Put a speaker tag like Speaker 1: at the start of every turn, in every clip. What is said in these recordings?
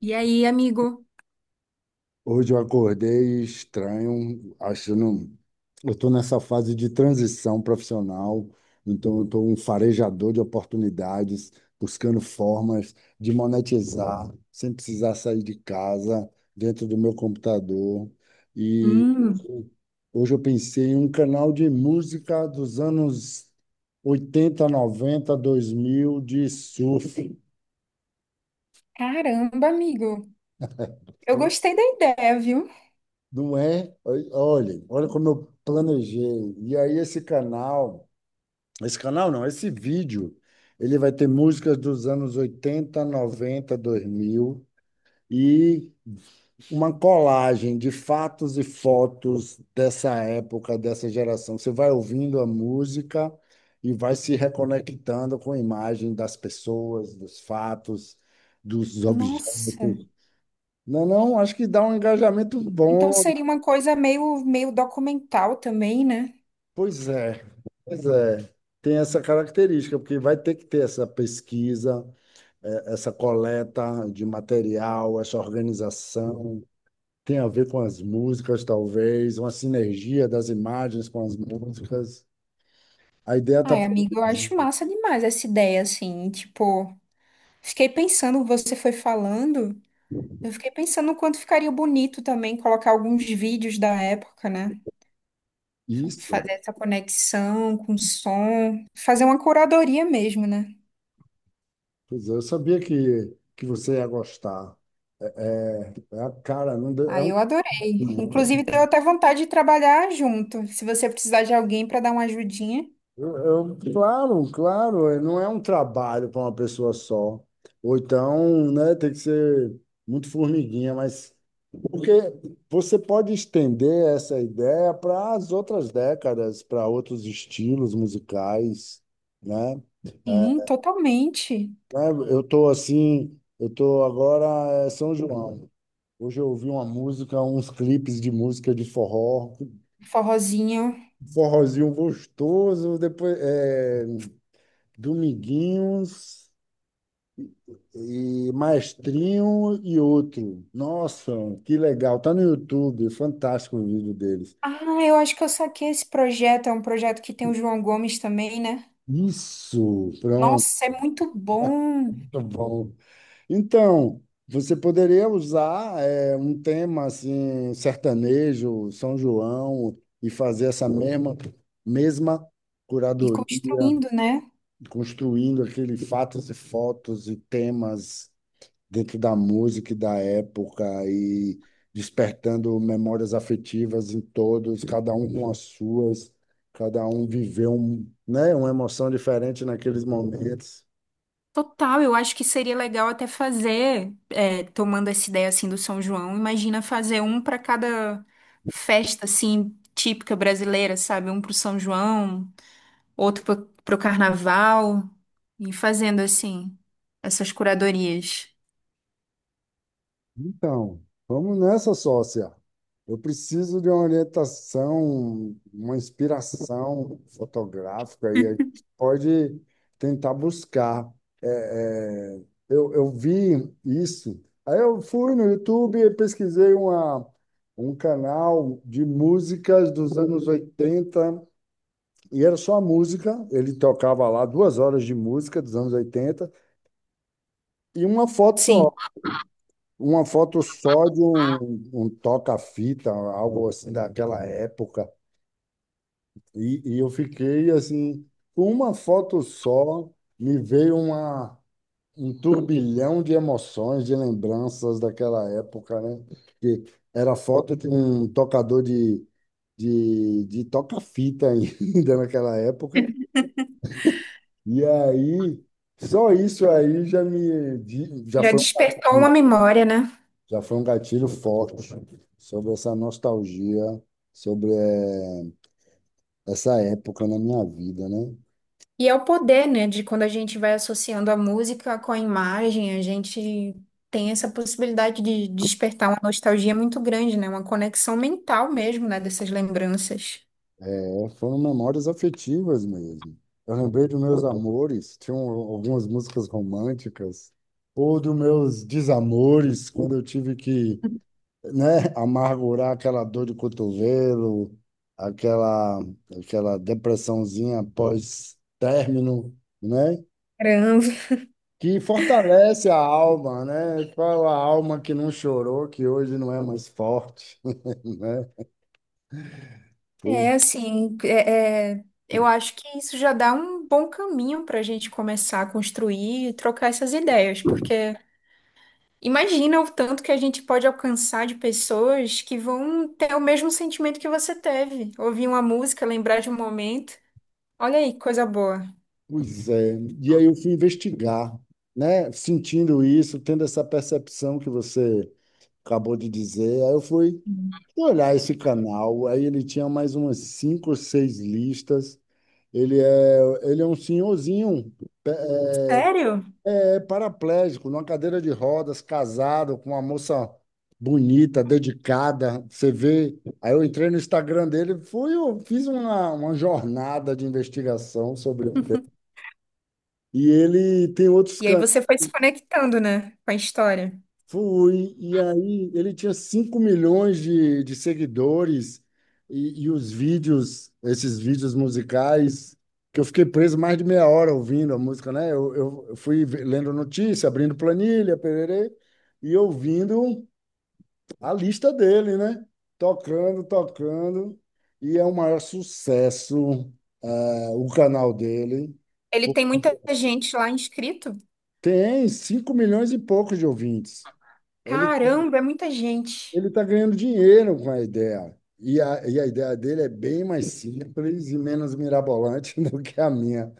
Speaker 1: E aí, amigo?
Speaker 2: Hoje eu acordei estranho, achando. Eu estou nessa fase de transição profissional, então eu estou um farejador de oportunidades, buscando formas de monetizar sem precisar sair de casa, dentro do meu computador. E
Speaker 1: Hum,
Speaker 2: hoje eu pensei em um canal de música dos anos oitenta, noventa, dois mil de surf.
Speaker 1: caramba, amigo. Eu
Speaker 2: Então,
Speaker 1: gostei da ideia, viu?
Speaker 2: não é? Olha, olha como eu planejei. E aí esse canal não, esse vídeo, ele vai ter músicas dos anos oitenta, noventa, dois mil e uma colagem de fatos e fotos dessa época, dessa geração. Você vai ouvindo a música e vai se reconectando com a imagem das pessoas, dos fatos, dos
Speaker 1: Nossa.
Speaker 2: objetos. Não, é não, acho que dá um engajamento
Speaker 1: Então
Speaker 2: bom.
Speaker 1: seria uma coisa meio documental também, né?
Speaker 2: Pois é. Pois é, tem essa característica, porque vai ter que ter essa pesquisa, essa coleta de material, essa organização. Tem a ver com as músicas, talvez, uma sinergia das imagens com as músicas. A ideia está
Speaker 1: Ai, amigo, eu acho
Speaker 2: produzida.
Speaker 1: massa demais essa ideia, assim. Tipo, fiquei pensando, você foi falando, eu fiquei pensando o quanto ficaria bonito também colocar alguns vídeos da época, né?
Speaker 2: Isso.
Speaker 1: Fazer essa conexão com o som, fazer uma curadoria mesmo, né?
Speaker 2: Pois é, eu sabia que você ia gostar. É a cara, não deu- é
Speaker 1: Aí
Speaker 2: um,
Speaker 1: eu adorei. Inclusive, deu até vontade de trabalhar junto. Se você precisar de alguém para dar uma ajudinha.
Speaker 2: eu- claro, claro, não é um trabalho para uma pessoa só. Ou então, né, tem que ser muito formiguinha, mas. Porque você pode estender essa ideia para as outras décadas, para outros estilos musicais, né?
Speaker 1: Sim,
Speaker 2: É,
Speaker 1: totalmente.
Speaker 2: né, eu estou assim, eu estou agora é São João. Hoje eu ouvi uma música, uns clipes de música de forró,
Speaker 1: Forrozinho.
Speaker 2: forrozinho gostoso, Dominguinhos e Maestrinho e outro. Nossa, que legal! Tá no YouTube, fantástico o vídeo deles.
Speaker 1: Ah, eu acho que eu saquei esse projeto. É um projeto que tem o João Gomes também, né?
Speaker 2: Isso, pronto.
Speaker 1: Nossa, é muito bom.
Speaker 2: Muito bom. Então, você poderia usar um tema assim, sertanejo, São João, e fazer essa mesma
Speaker 1: E
Speaker 2: curadoria,
Speaker 1: construindo, né?
Speaker 2: construindo aquele fatos e fotos e temas dentro da música e da época e despertando memórias afetivas em todos, cada um com as suas, cada um viveu um, né, uma emoção diferente naqueles momentos.
Speaker 1: Total, eu acho que seria legal até fazer, tomando essa ideia assim do São João, imagina fazer um para cada festa assim típica brasileira, sabe? Um pro São João, outro pro carnaval, e fazendo assim, essas curadorias.
Speaker 2: Então, vamos nessa, sócia. Eu preciso de uma orientação, uma inspiração fotográfica e a gente pode tentar buscar. É, é, eu vi isso. Aí eu fui no YouTube e pesquisei um canal de músicas dos anos 80 e era só música. Ele tocava lá duas horas de música dos anos 80 e uma foto
Speaker 1: Sim.
Speaker 2: só. Uma foto só de um toca-fita, algo assim daquela época. E eu fiquei assim, com uma foto só, me veio um turbilhão de emoções, de lembranças daquela época, né? Que era foto de um tocador de toca-fita ainda naquela época. E aí, só isso aí já me, di-
Speaker 1: Já despertou uma
Speaker 2: um
Speaker 1: memória, né?
Speaker 2: já foi um gatilho forte sobre essa nostalgia, sobre essa época na minha vida, né?
Speaker 1: E é o poder, né, de quando a gente vai associando a música com a imagem, a gente tem essa possibilidade de despertar uma nostalgia muito grande, né? Uma conexão mental mesmo, né, dessas lembranças.
Speaker 2: É, foram memórias afetivas mesmo. Eu lembrei dos meus amores, tinham algumas músicas românticas, ou dos meus desamores, quando eu tive que, né, amargurar aquela dor de cotovelo, aquela, aquela depressãozinha pós-término, né?
Speaker 1: Caramba.
Speaker 2: Que fortalece a alma, né? Qual a alma que não chorou, que hoje não é mais forte, né? Pois,
Speaker 1: É assim, eu acho que isso já dá um bom caminho para a gente começar a construir e trocar essas ideias, porque imagina o tanto que a gente pode alcançar de pessoas que vão ter o mesmo sentimento que você teve. Ouvir uma música, lembrar de um momento. Olha aí, que coisa boa.
Speaker 2: pois é. E aí eu fui investigar, né? Sentindo isso, tendo essa percepção que você acabou de dizer, aí eu fui olhar esse canal, aí ele tinha mais umas cinco ou seis listas. Ele é, ele é um senhorzinho,
Speaker 1: Sério?
Speaker 2: é paraplégico, numa cadeira de rodas, casado com uma moça bonita, dedicada. Você vê. Aí eu entrei no Instagram dele, fui, eu fiz uma jornada de investigação sobre o tema. E ele tem outros
Speaker 1: E aí
Speaker 2: canais.
Speaker 1: você foi se conectando, né, com a história.
Speaker 2: Fui, e aí ele tinha 5 milhões de seguidores e os vídeos, esses vídeos musicais, que eu fiquei preso mais de meia hora ouvindo a música, né? Eu fui lendo notícia, abrindo planilha, pererê, e ouvindo a lista dele, né? Tocando, tocando, e é o maior sucesso, ah, o canal dele.
Speaker 1: Ele
Speaker 2: Pô,
Speaker 1: tem muita gente lá inscrito?
Speaker 2: tem 5 milhões e poucos de ouvintes. Ele
Speaker 1: Caramba, é muita gente.
Speaker 2: Ele está ganhando dinheiro com a ideia. E a ideia dele é bem mais simples e menos mirabolante do que a minha.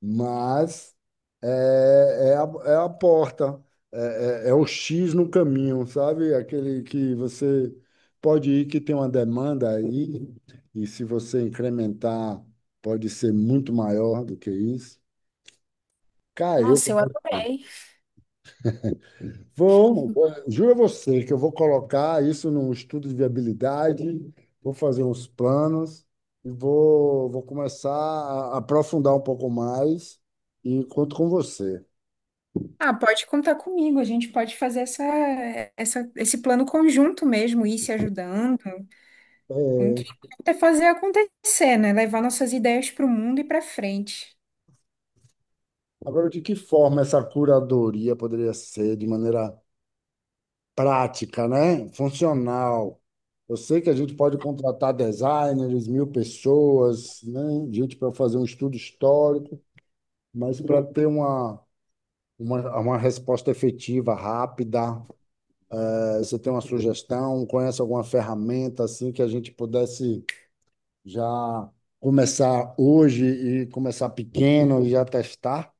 Speaker 2: Mas é, é a porta, é o X no caminho, sabe? Aquele que você pode ir, que tem uma demanda aí, e se você incrementar, pode ser muito maior do que isso. Caiu.
Speaker 1: Nossa, eu adorei.
Speaker 2: Vão, juro a você que eu vou colocar isso num estudo de viabilidade, vou fazer uns planos e vou começar a aprofundar um pouco mais e conto com você.
Speaker 1: Ah, pode contar comigo. A gente pode fazer esse plano conjunto mesmo, ir se ajudando. O que é fazer acontecer, né? Levar nossas ideias para o mundo e para frente.
Speaker 2: Agora, de que forma essa curadoria poderia ser de maneira prática, né? Funcional. Eu sei que a gente pode contratar designers, mil pessoas, né? Gente para fazer um estudo histórico, mas para ter uma resposta efetiva, rápida. Você tem uma sugestão? Conhece alguma ferramenta assim que a gente pudesse já começar hoje e começar pequeno e já testar?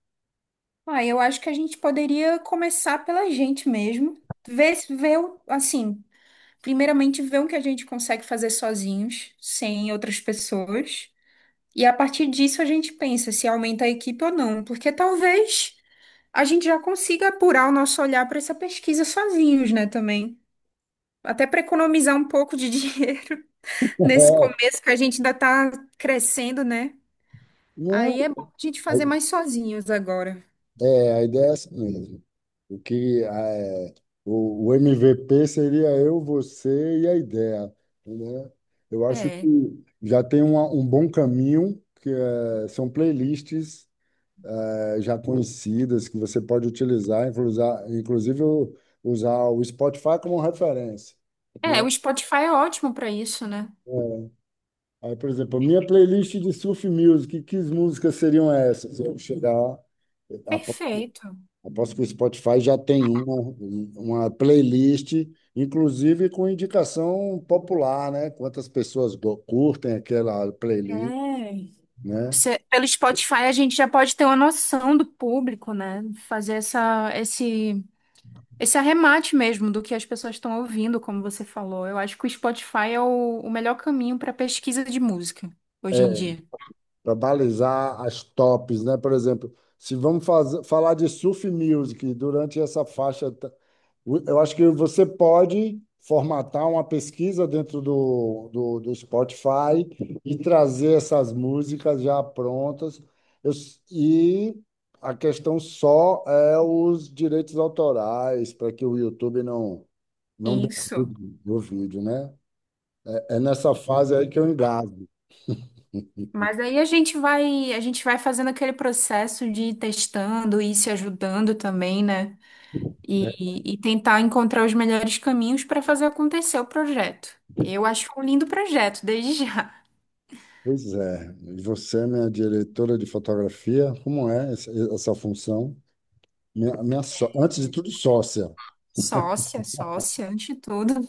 Speaker 1: Ah, eu acho que a gente poderia começar pela gente mesmo. Ver, se- ver, o- Assim, primeiramente ver o que a gente consegue fazer sozinhos, sem outras pessoas. E a partir disso a gente pensa se aumenta a equipe ou não, porque talvez a gente já consiga apurar o nosso olhar para essa pesquisa sozinhos, né, também. Até para economizar um pouco de dinheiro nesse começo que a gente ainda está crescendo, né?
Speaker 2: É, né?
Speaker 1: Aí é bom a gente fazer mais sozinhos agora.
Speaker 2: É, a ideia é essa mesmo. O que é, o MVP seria eu, você e a ideia, né? Eu acho que
Speaker 1: É.
Speaker 2: um bom caminho, que é, são playlists já conhecidas que você pode utilizar, inclusive usar o Spotify como referência,
Speaker 1: É,
Speaker 2: né?
Speaker 1: o Spotify é ótimo para isso, né?
Speaker 2: É, aí, por exemplo, minha playlist de surf music, que músicas seriam essas? Apo-
Speaker 1: Perfeito.
Speaker 2: Aposto que o Spotify já tem uma playlist, inclusive com indicação popular, né? Quantas pessoas curtem aquela
Speaker 1: É.
Speaker 2: playlist, né?
Speaker 1: Cê- pelo Spotify a gente já pode ter uma noção do público, né? Fazer esse arremate mesmo do que as pessoas estão ouvindo, como você falou. Eu acho que o Spotify é o melhor caminho para pesquisa de música hoje em dia.
Speaker 2: Para balizar as tops, né? Por exemplo, se vamos falar de surf music durante essa faixa, eu acho que você pode formatar uma pesquisa dentro do Spotify e trazer essas músicas já prontas. E a questão só é os direitos autorais, para que o YouTube não, não
Speaker 1: Isso.
Speaker 2: derrube o vídeo, né? É nessa fase aí que eu engasgo.
Speaker 1: Mas aí a gente vai fazendo aquele processo de ir testando e se ajudando também, né? E tentar encontrar os melhores caminhos para fazer acontecer o projeto. Eu acho um lindo projeto, desde já.
Speaker 2: Pois é, e você é minha diretora de fotografia, como é essa função? Antes de tudo, sócia.
Speaker 1: Sócia, sócia, antes de tudo.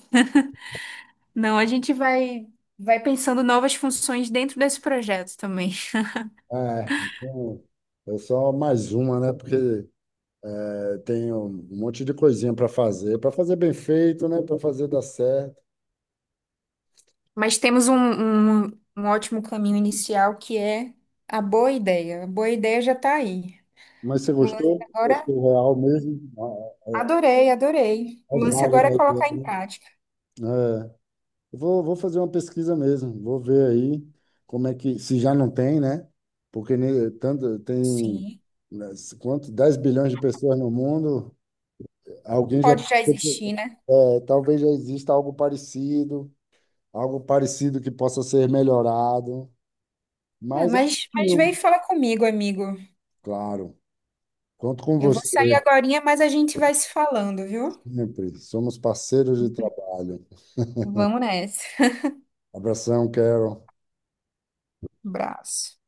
Speaker 1: Não, vai pensando novas funções dentro desse projeto também.
Speaker 2: É, então, eu sou mais uma, né? Porque é, tenho um monte de coisinha para fazer bem feito, né? Para fazer dar certo.
Speaker 1: Mas temos um ótimo caminho inicial que é a boa ideia. A boa ideia já está aí.
Speaker 2: Mas você
Speaker 1: O lance
Speaker 2: gostou?
Speaker 1: agora,
Speaker 2: Porque o real mesmo, ah,
Speaker 1: adorei, adorei. O
Speaker 2: é
Speaker 1: lance
Speaker 2: válido,
Speaker 1: agora é colocar em
Speaker 2: né?
Speaker 1: prática.
Speaker 2: É. Eu vou fazer uma pesquisa mesmo, vou ver aí como é que, se já não tem, né? Porque tanto, tem,
Speaker 1: Sim,
Speaker 2: né, quanto, 10 bilhões de pessoas no mundo, alguém já,
Speaker 1: pode já existir, né?
Speaker 2: é, talvez já exista algo parecido que possa ser melhorado,
Speaker 1: É,
Speaker 2: mas é
Speaker 1: mas vem e
Speaker 2: possível.
Speaker 1: fala comigo, amigo.
Speaker 2: Claro, conto com
Speaker 1: Eu vou
Speaker 2: você
Speaker 1: sair agorinha, mas a gente vai se falando, viu?
Speaker 2: sempre, somos parceiros de trabalho.
Speaker 1: Vamos nessa.
Speaker 2: Abração, Carol.
Speaker 1: Abraço.